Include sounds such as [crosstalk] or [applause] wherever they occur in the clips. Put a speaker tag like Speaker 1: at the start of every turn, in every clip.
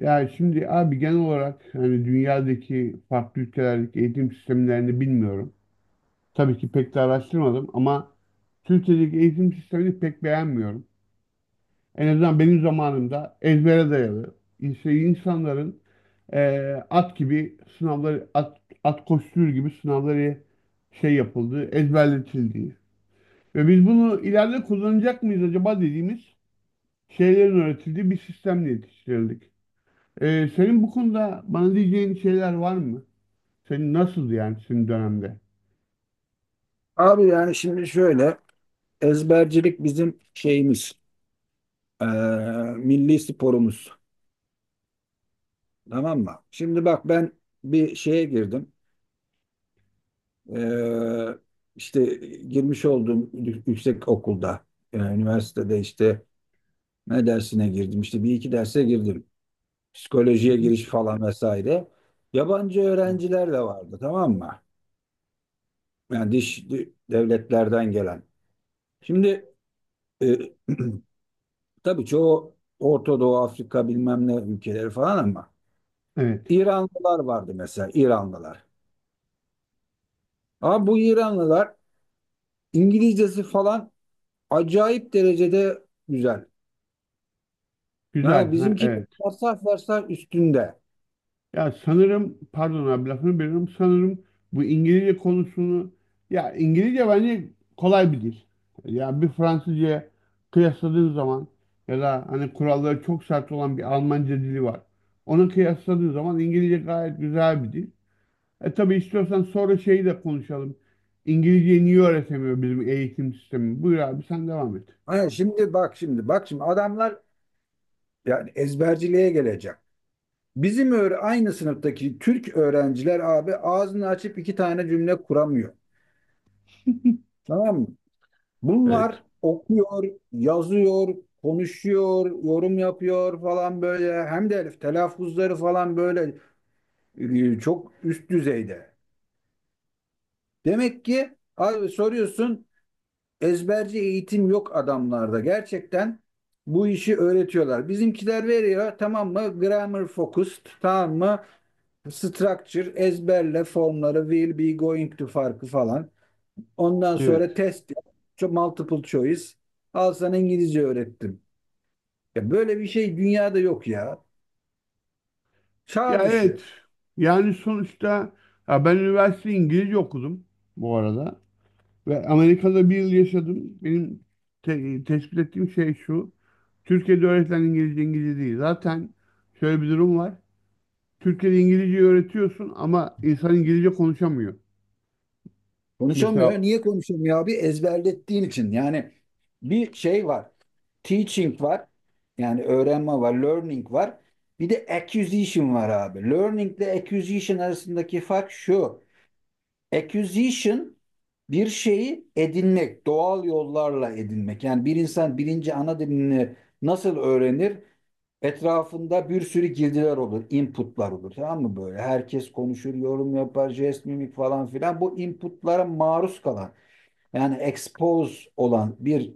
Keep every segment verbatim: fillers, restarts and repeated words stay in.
Speaker 1: Yani şimdi abi genel olarak hani dünyadaki farklı ülkelerdeki eğitim sistemlerini bilmiyorum. Tabii ki pek de araştırmadım ama Türkiye'deki eğitim sistemini pek beğenmiyorum. En azından benim zamanımda ezbere dayalı. İnse- insanların eee, at gibi sınavları, at, at koşturur gibi sınavları şey yapıldığı, ezberletildiği. Ve biz bunu ileride kullanacak mıyız acaba dediğimiz şeylerin öğretildiği bir sistemle yetiştirildik. Ee, senin bu konuda bana diyeceğin şeyler var mı? Senin nasıldı yani senin dönemde?
Speaker 2: Abi yani şimdi şöyle ezbercilik bizim şeyimiz eee, milli sporumuz tamam mı? Şimdi bak ben bir şeye girdim. Eee, işte girmiş olduğum yü- yüksek okulda, eee, üniversitede işte ne dersine girdim, işte bir iki derse girdim,
Speaker 1: Hı
Speaker 2: psikolojiye
Speaker 1: hı.
Speaker 2: giriş falan vesaire. Yabancı
Speaker 1: Evet.
Speaker 2: öğrenciler de vardı, tamam mı? Yani diş devletlerden gelen. Şimdi e, [clears throat] tabii çoğu Orta Doğu, Afrika bilmem ne ülkeleri falan ama
Speaker 1: Evet.
Speaker 2: İranlılar vardı mesela, İranlılar. Ama bu İranlılar İngilizcesi falan acayip derecede güzel.
Speaker 1: Güzel.
Speaker 2: Yani
Speaker 1: Ha,
Speaker 2: bizimkiler
Speaker 1: evet.
Speaker 2: varsayf varsayf üstünde.
Speaker 1: Ya sanırım pardon abi lafını bölüyorum. Sanırım bu İngilizce konusunu ya İngilizce bence kolay bir dil. Ya bir Fransızca kıyasladığın zaman ya da hani kuralları çok sert olan bir Almanca dili var. Onu kıyasladığın zaman İngilizce gayet güzel bir dil. E tabii istiyorsan sonra şeyi de konuşalım. İngilizceyi niye öğretemiyor bizim eğitim sistemi? Buyur abi sen devam et.
Speaker 2: Ha, şimdi bak şimdi bak şimdi adamlar yani ezberciliğe gelecek. Bizim öyle aynı sınıftaki Türk öğrenciler abi ağzını açıp iki tane cümle kuramıyor. Tamam mı?
Speaker 1: Evet.
Speaker 2: Bunlar okuyor, yazıyor, konuşuyor, yorum yapıyor falan böyle. Hem de telaffuzları falan böyle e, çok üst düzeyde. Demek ki abi soruyorsun, ezberci eğitim yok adamlarda. Gerçekten bu işi öğretiyorlar. Bizimkiler veriyor, tamam mı? Grammar focused, tamam mı? Structure ezberle, formları will be going to farkı falan. Ondan
Speaker 1: Evet.
Speaker 2: sonra test, multiple choice. Al sana İngilizce öğrettim. Ya böyle bir şey dünyada yok ya. Çağ
Speaker 1: Ya evet.
Speaker 2: dışı.
Speaker 1: Yani sonuçta ya ben üniversite İngilizce okudum bu arada. Ve Amerika'da bir yıl yaşadım. Benim te- tespit ettiğim şey şu. Türkiye'de öğretilen İngilizce İngilizce değil. Zaten şöyle bir durum var. Türkiye'de İngilizce öğretiyorsun ama insan İngilizce konuşamıyor.
Speaker 2: Konuşamıyor.
Speaker 1: Mesela
Speaker 2: Niye konuşamıyor abi? Ezberlettiğin için. Yani bir şey var. Teaching var. Yani öğrenme var. Learning var. Bir de acquisition var abi. Learning ile acquisition arasındaki fark şu. Acquisition bir şeyi edinmek, doğal yollarla edinmek. Yani bir insan birinci ana dilini nasıl öğrenir? Etrafında bir sürü girdiler olur, inputlar olur. Tamam mı böyle? Herkes konuşur, yorum yapar, jest, mimik falan filan. Bu inputlara maruz kalan, yani expose olan bir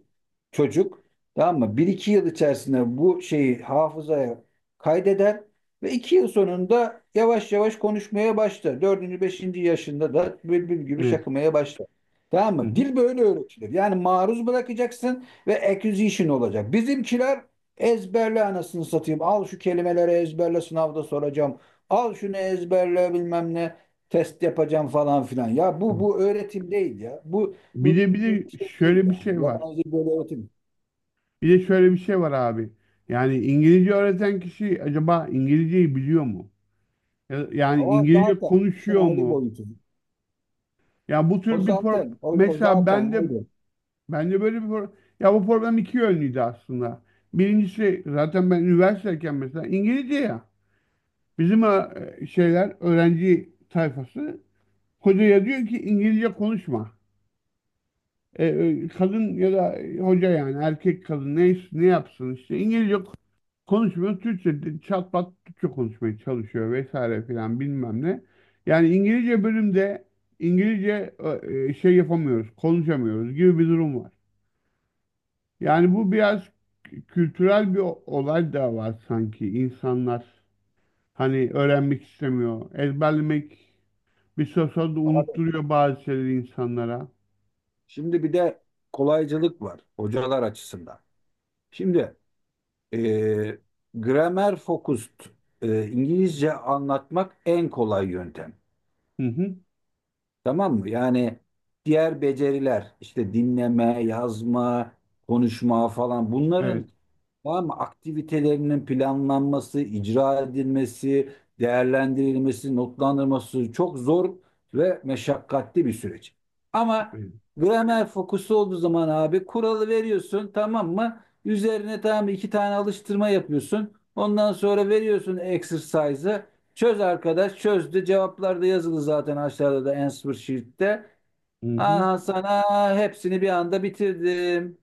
Speaker 2: çocuk, tamam mı, bir iki yıl içerisinde bu şeyi hafızaya kaydeder ve iki yıl sonunda yavaş yavaş konuşmaya başlar. Dördüncü beşinci yaşında da bülbül gibi
Speaker 1: evet.
Speaker 2: şakımaya başlar. Tamam
Speaker 1: Hı
Speaker 2: mı?
Speaker 1: hı.
Speaker 2: Dil böyle öğretilir. Yani maruz bırakacaksın ve acquisition olacak. Bizimkiler ezberle anasını satayım. Al şu kelimeleri ezberle, sınavda soracağım. Al şunu ezberle bilmem ne, test yapacağım falan filan. Ya bu bu öğretim değil ya. Bu
Speaker 1: Bir
Speaker 2: bu
Speaker 1: de bir de
Speaker 2: bir şey değil
Speaker 1: şöyle bir
Speaker 2: yani.
Speaker 1: şey var.
Speaker 2: Yabancı böyle öğretim.
Speaker 1: Bir de şöyle bir şey var abi. Yani İngilizce öğreten kişi acaba İngilizceyi biliyor mu? Ya- Yani
Speaker 2: O
Speaker 1: İngilizce
Speaker 2: zaten işin
Speaker 1: konuşuyor
Speaker 2: ayrı
Speaker 1: mu?
Speaker 2: boyutu.
Speaker 1: Ya bu
Speaker 2: O
Speaker 1: tür bir
Speaker 2: zaten,
Speaker 1: problem.
Speaker 2: o, o
Speaker 1: Mesela
Speaker 2: zaten
Speaker 1: ben de
Speaker 2: ayrı.
Speaker 1: ben de böyle bir problem. Ya bu problem iki yönlüydü aslında. Birincisi zaten ben üniversiteyken mesela İngilizce ya. Bizim e, şeyler öğrenci tayfası hocaya diyor ki İngilizce konuşma. E, e, kadın ya da hoca yani erkek kadın neyse ne yapsın işte İngilizce konuşmuyor. Türkçe de- çat pat Türkçe konuşmaya çalışıyor vesaire filan bilmem ne. Yani İngilizce bölümde İngilizce e, e, şey yapamıyoruz, konuşamıyoruz gibi bir durum var. Yani bu biraz kültürel bir o- olay da var sanki. İnsanlar hani öğrenmek istemiyor, ezberlemek bir süre sonra da
Speaker 2: Abi,
Speaker 1: unutturuyor bazı şeyleri insanlara.
Speaker 2: şimdi bir de kolaycılık var hocalar açısından. Şimdi e, gramer focused e, İngilizce anlatmak en kolay yöntem.
Speaker 1: Hı hı.
Speaker 2: Tamam mı? Yani diğer beceriler işte dinleme, yazma, konuşma falan, bunların,
Speaker 1: Evet.
Speaker 2: tamam mı, aktivitelerinin planlanması, icra edilmesi, değerlendirilmesi, notlandırılması çok zor ve meşakkatli bir süreç. Ama
Speaker 1: Evet.
Speaker 2: gramer fokusu olduğu zaman abi kuralı veriyorsun, tamam mı? Üzerine, tamam mı, iki tane alıştırma yapıyorsun. Ondan sonra veriyorsun exercise'ı. Çöz arkadaş, çözdü. Cevaplar da yazılı zaten aşağıda da answer sheet'te.
Speaker 1: Hı hı.
Speaker 2: Aha, sana hepsini bir anda bitirdim.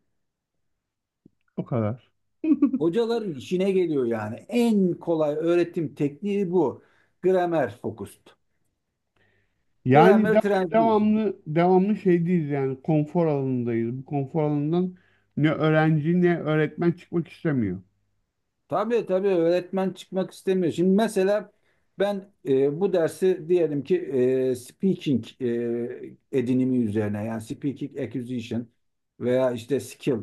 Speaker 1: O kadar. [laughs]
Speaker 2: Hocaların işine geliyor yani. En kolay öğretim tekniği bu. Grammar focused.
Speaker 1: Yani
Speaker 2: Grammar
Speaker 1: de-
Speaker 2: translation.
Speaker 1: Devamlı devamlı şeydeyiz yani konfor alanındayız. Bu konfor alanından ne öğrenci ne öğretmen çıkmak istemiyor.
Speaker 2: Tabii tabii öğretmen çıkmak istemiyor. Şimdi mesela ben e, bu dersi diyelim ki e, speaking e, edinimi üzerine, yani speaking acquisition veya işte skill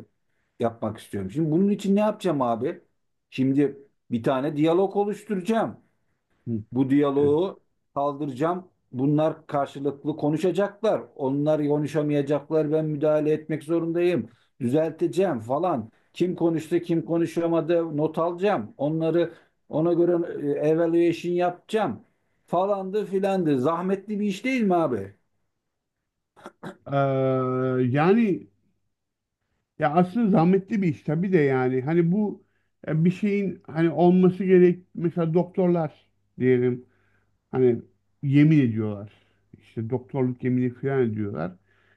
Speaker 2: yapmak istiyorum. Şimdi bunun için ne yapacağım abi? Şimdi bir tane diyalog oluşturacağım.
Speaker 1: Hı.
Speaker 2: Bu
Speaker 1: Evet.
Speaker 2: diyaloğu kaldıracağım. Bunlar karşılıklı konuşacaklar. Onlar konuşamayacaklar. Ben müdahale etmek zorundayım. Düzelteceğim falan. Kim konuştu, kim konuşamadı not alacağım. Onları ona göre e, evaluation yapacağım. Falandı filandı. Zahmetli bir iş değil mi abi?
Speaker 1: Ee, Yani ya aslında zahmetli bir iş tabii de yani hani bu e, bir şeyin hani olması gerek mesela doktorlar diyelim. Hani yemin ediyorlar. İşte doktorluk yemini falan ediyorlar.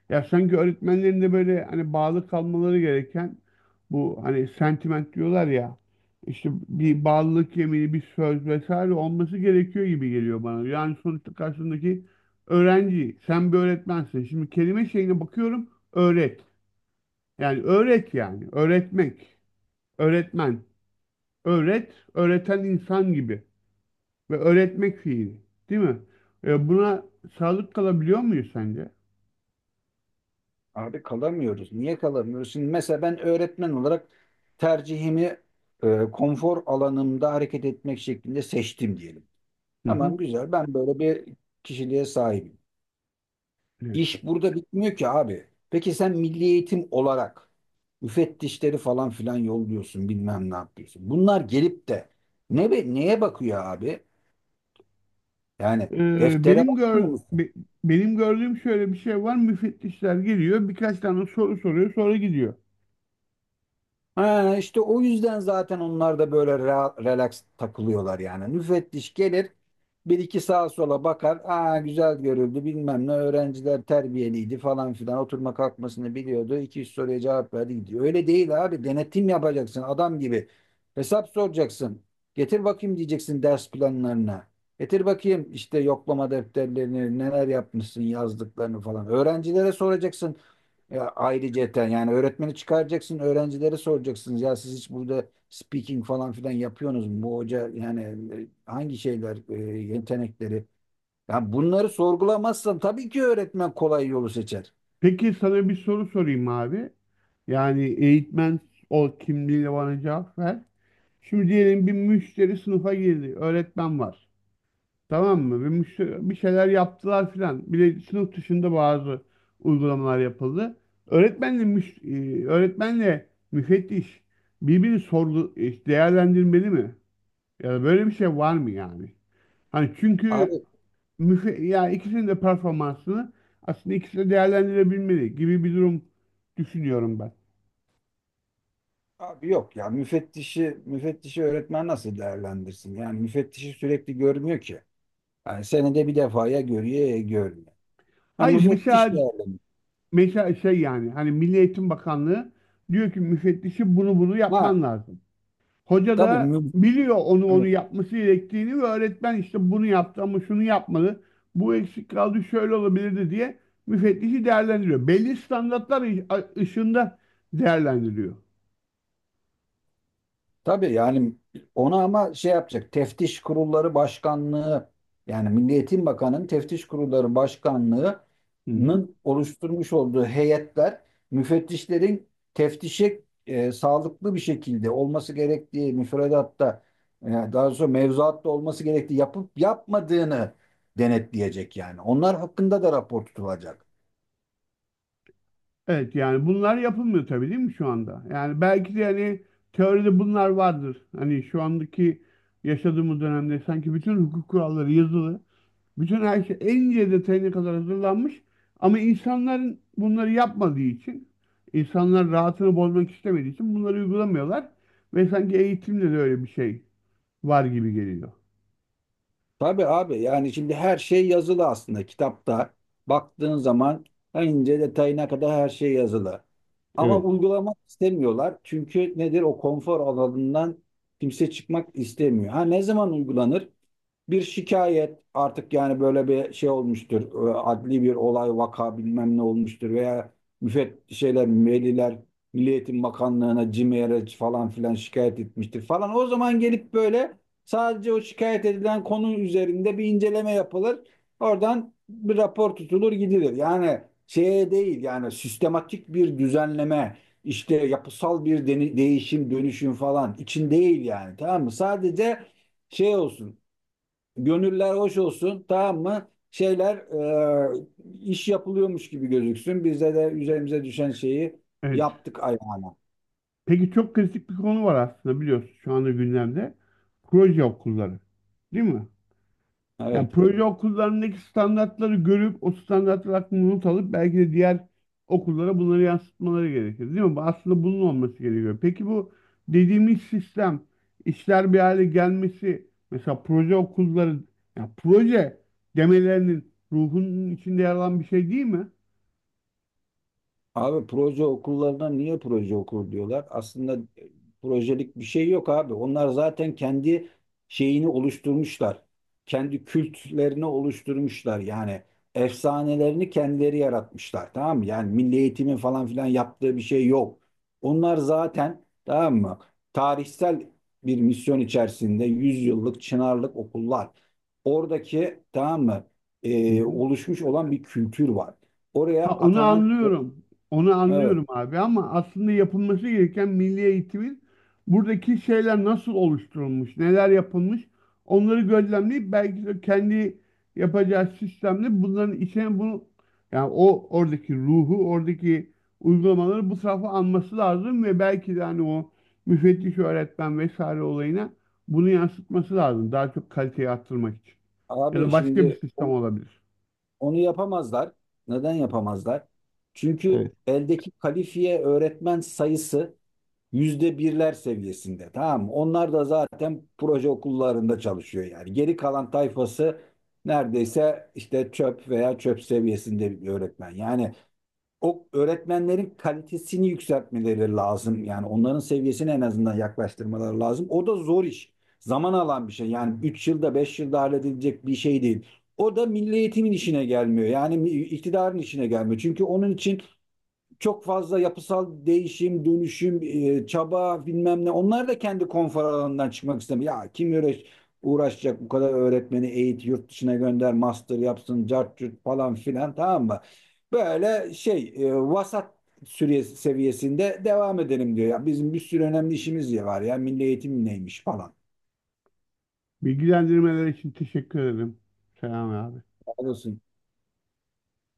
Speaker 1: Ya sanki öğretmenlerin de böyle hani bağlı kalmaları gereken bu hani sentiment diyorlar ya işte
Speaker 2: Evet.
Speaker 1: bir bağlılık yemini, bir söz vesaire olması gerekiyor gibi geliyor bana. Yani sonuçta karşındaki öğrenci, sen bir öğretmensin. Şimdi kelime şeyine bakıyorum, öğret. Yani öğret yani, öğretmek, öğretmen, öğret, öğreten insan gibi ve öğretmek fiili, değil mi? E, buna sadık kalabiliyor muyuz sence?
Speaker 2: Abi kalamıyoruz. Niye kalamıyoruz? Şimdi mesela ben öğretmen olarak tercihimi e, konfor alanımda hareket etmek şeklinde seçtim diyelim.
Speaker 1: Hı hı.
Speaker 2: Tamam güzel. Ben böyle bir kişiliğe sahibim.
Speaker 1: Evet.
Speaker 2: İş burada bitmiyor ki abi. Peki sen milli eğitim olarak müfettişleri falan filan yolluyorsun, bilmem ne yapıyorsun. Bunlar gelip de ne be- neye bakıyor abi? Yani
Speaker 1: E,
Speaker 2: deftere
Speaker 1: benim
Speaker 2: bakmıyor
Speaker 1: gör
Speaker 2: musun?
Speaker 1: be- Benim gördüğüm şöyle bir şey var. Müfettişler geliyor, birkaç tane soru soruyor, sonra gidiyor.
Speaker 2: Ha, işte o yüzden zaten onlar da böyle ra- relax takılıyorlar yani. Müfettiş gelir, bir iki sağa sola bakar. Aa güzel, görüldü bilmem ne, öğrenciler terbiyeliydi falan filan, oturma kalkmasını biliyordu. İki üç soruya cevap verdi, gidiyor. Öyle değil abi, denetim yapacaksın adam gibi. Hesap soracaksın. Getir bakayım diyeceksin ders planlarına. Getir bakayım işte yoklama defterlerini, neler yapmışsın yazdıklarını falan. Öğrencilere soracaksın. Ya ayrıca yani öğretmeni çıkaracaksın, öğrencilere soracaksınız. Ya siz hiç burada speaking falan filan yapıyorsunuz mu? Bu hoca yani e, hangi şeyler, e, yetenekleri? Ya bunları sorgulamazsan tabii ki öğretmen kolay yolu seçer.
Speaker 1: Peki sana bir soru sorayım abi. Yani eğitmen ol kimliğiyle bana cevap ver. Şimdi diyelim bir müşteri sınıfa girdi, öğretmen var. Tamam mı? Bir, müş- bir şeyler yaptılar filan. Bir de sınıf dışında bazı uygulamalar yapıldı. Öğretmenle müş e, öğretmenle müfettiş birbirini sorgu e, değerlendirmeli mi? Ya da böyle bir şey var mı yani? Hani çünkü
Speaker 2: Abi,
Speaker 1: müfe ya ikisinin de performansını aslında ikisi de değerlendirebilmeli gibi bir durum düşünüyorum ben.
Speaker 2: abi yok ya, müfettişi müfettişi öğretmen nasıl değerlendirsin? Yani müfettişi sürekli görmüyor ki. Yani senede bir defaya görüyor, ya görmüyor. Ha,
Speaker 1: Hayır
Speaker 2: müfettiş
Speaker 1: mesela
Speaker 2: değerlendiriyor.
Speaker 1: mesela şey yani hani Milli Eğitim Bakanlığı diyor ki müfettişi bunu bunu
Speaker 2: Ha
Speaker 1: yapman lazım. Hoca
Speaker 2: tabii
Speaker 1: da
Speaker 2: mü-
Speaker 1: biliyor onu onu
Speaker 2: evet.
Speaker 1: yapması gerektiğini ve öğretmen işte bunu yaptı ama şunu yapmadı. Bu eksik kaldı şöyle olabilirdi diye müfettişi değerlendiriyor. Belli standartlar ı- a- ışığında değerlendiriyor.
Speaker 2: Tabii yani ona ama şey yapacak. Teftiş Kurulları Başkanlığı, yani Milli Eğitim Bakanı'nın Teftiş Kurulları
Speaker 1: Hı hı.
Speaker 2: Başkanlığı'nın oluşturmuş olduğu heyetler müfettişlerin teftişe e, sağlıklı bir şekilde olması gerektiği, müfredatta, e, daha sonra mevzuatta olması gerektiği, yapıp yapmadığını denetleyecek yani. Onlar hakkında da rapor tutulacak.
Speaker 1: Evet yani bunlar yapılmıyor tabii değil mi şu anda? Yani belki de hani teoride bunlar vardır. Hani şu andaki yaşadığımız dönemde sanki bütün hukuk kuralları yazılı. Bütün her şey en ince detayına kadar hazırlanmış. Ama insanların bunları yapmadığı için, insanlar rahatını bozmak istemediği için bunları uygulamıyorlar. Ve sanki eğitimde de öyle bir şey var gibi geliyor.
Speaker 2: Tabii abi, yani şimdi her şey yazılı aslında kitapta. Baktığın zaman en ince detayına kadar her şey yazılı. Ama
Speaker 1: Evet.
Speaker 2: uygulamak istemiyorlar. Çünkü nedir, o konfor alanından kimse çıkmak istemiyor. Ha ne zaman uygulanır? Bir şikayet artık, yani böyle bir şey olmuştur. e, Adli bir olay, vaka bilmem ne olmuştur veya müfet şeyler, veliler Milli Eğitim Bakanlığı'na CİMER'e falan filan şikayet etmiştir falan. O zaman gelip böyle sadece o şikayet edilen konu üzerinde bir inceleme yapılır. Oradan bir rapor tutulur, gidilir. Yani şeye değil, yani sistematik bir düzenleme, işte yapısal bir deni- değişim, dönüşüm falan için değil yani, tamam mı? Sadece şey olsun, gönüller hoş olsun, tamam mı? Şeyler, e, iş yapılıyormuş gibi gözüksün. Bizde de üzerimize düşen şeyi
Speaker 1: Evet.
Speaker 2: yaptık ayağına.
Speaker 1: Peki çok kritik bir konu var aslında biliyorsun şu anda gündemde. Proje okulları. Değil mi? Yani
Speaker 2: Evet.
Speaker 1: proje okullarındaki standartları görüp o standartlar hakkında not alıp belki de diğer okullara bunları yansıtmaları gerekir, değil mi? Bu aslında bunun olması gerekiyor. Peki bu dediğimiz sistem, işler bir hale gelmesi, mesela proje okulları, yani proje demelerinin ruhunun içinde yer alan bir şey değil mi?
Speaker 2: Abi proje okullarına niye proje okulu diyorlar? Aslında e, projelik bir şey yok abi. Onlar zaten kendi şeyini oluşturmuşlar. Kendi kültlerini oluşturmuşlar. Yani efsanelerini kendileri yaratmışlar. Tamam mı? Yani milli eğitimin falan filan yaptığı bir şey yok. Onlar zaten, tamam mı, tarihsel bir misyon içerisinde yüzyıllık Çınarlık okullar. Oradaki, tamam mı,
Speaker 1: Hı
Speaker 2: e,
Speaker 1: hı.
Speaker 2: oluşmuş olan bir kültür var. Oraya
Speaker 1: Ha onu
Speaker 2: atanan
Speaker 1: anlıyorum. Onu
Speaker 2: evet.
Speaker 1: anlıyorum abi ama aslında yapılması gereken milli eğitimin buradaki şeyler nasıl oluşturulmuş, neler yapılmış onları gözlemleyip belki de kendi yapacağı sistemle bunların içine bunu yani o oradaki ruhu, oradaki uygulamaları bu tarafa alması lazım ve belki de hani o müfettiş öğretmen vesaire olayına bunu yansıtması lazım. Daha çok kaliteyi arttırmak için. Ya da
Speaker 2: Abi
Speaker 1: başka bir
Speaker 2: şimdi
Speaker 1: sistem
Speaker 2: on-
Speaker 1: olabilir.
Speaker 2: onu yapamazlar. Neden yapamazlar? Çünkü
Speaker 1: Evet.
Speaker 2: eldeki kalifiye öğretmen sayısı yüzde birler seviyesinde. Tamam mı? Onlar da zaten proje okullarında çalışıyor yani. Geri kalan tayfası neredeyse işte çöp veya çöp seviyesinde bir öğretmen. Yani o öğretmenlerin kalitesini yükseltmeleri lazım. Yani onların seviyesine en azından yaklaştırmaları lazım. O da zor iş. Zaman alan bir şey. Yani üç yılda beş yılda halledilecek bir şey değil. O da milli eğitimin işine gelmiyor. Yani iktidarın işine gelmiyor. Çünkü onun için çok fazla yapısal değişim, dönüşüm, e, çaba bilmem ne. Onlar da kendi konfor alanından çıkmak istemiyor. Ya kim uğraş, uğraşacak bu kadar öğretmeni eğit, yurt dışına gönder, master yapsın, cart curt falan filan, tamam mı? Böyle şey e, vasat süre seviyesinde devam edelim diyor. Ya bizim bir sürü önemli işimiz ya var ya, milli eğitim neymiş falan.
Speaker 1: Bilgilendirmeler için teşekkür ederim. Selam abi.
Speaker 2: Olsun.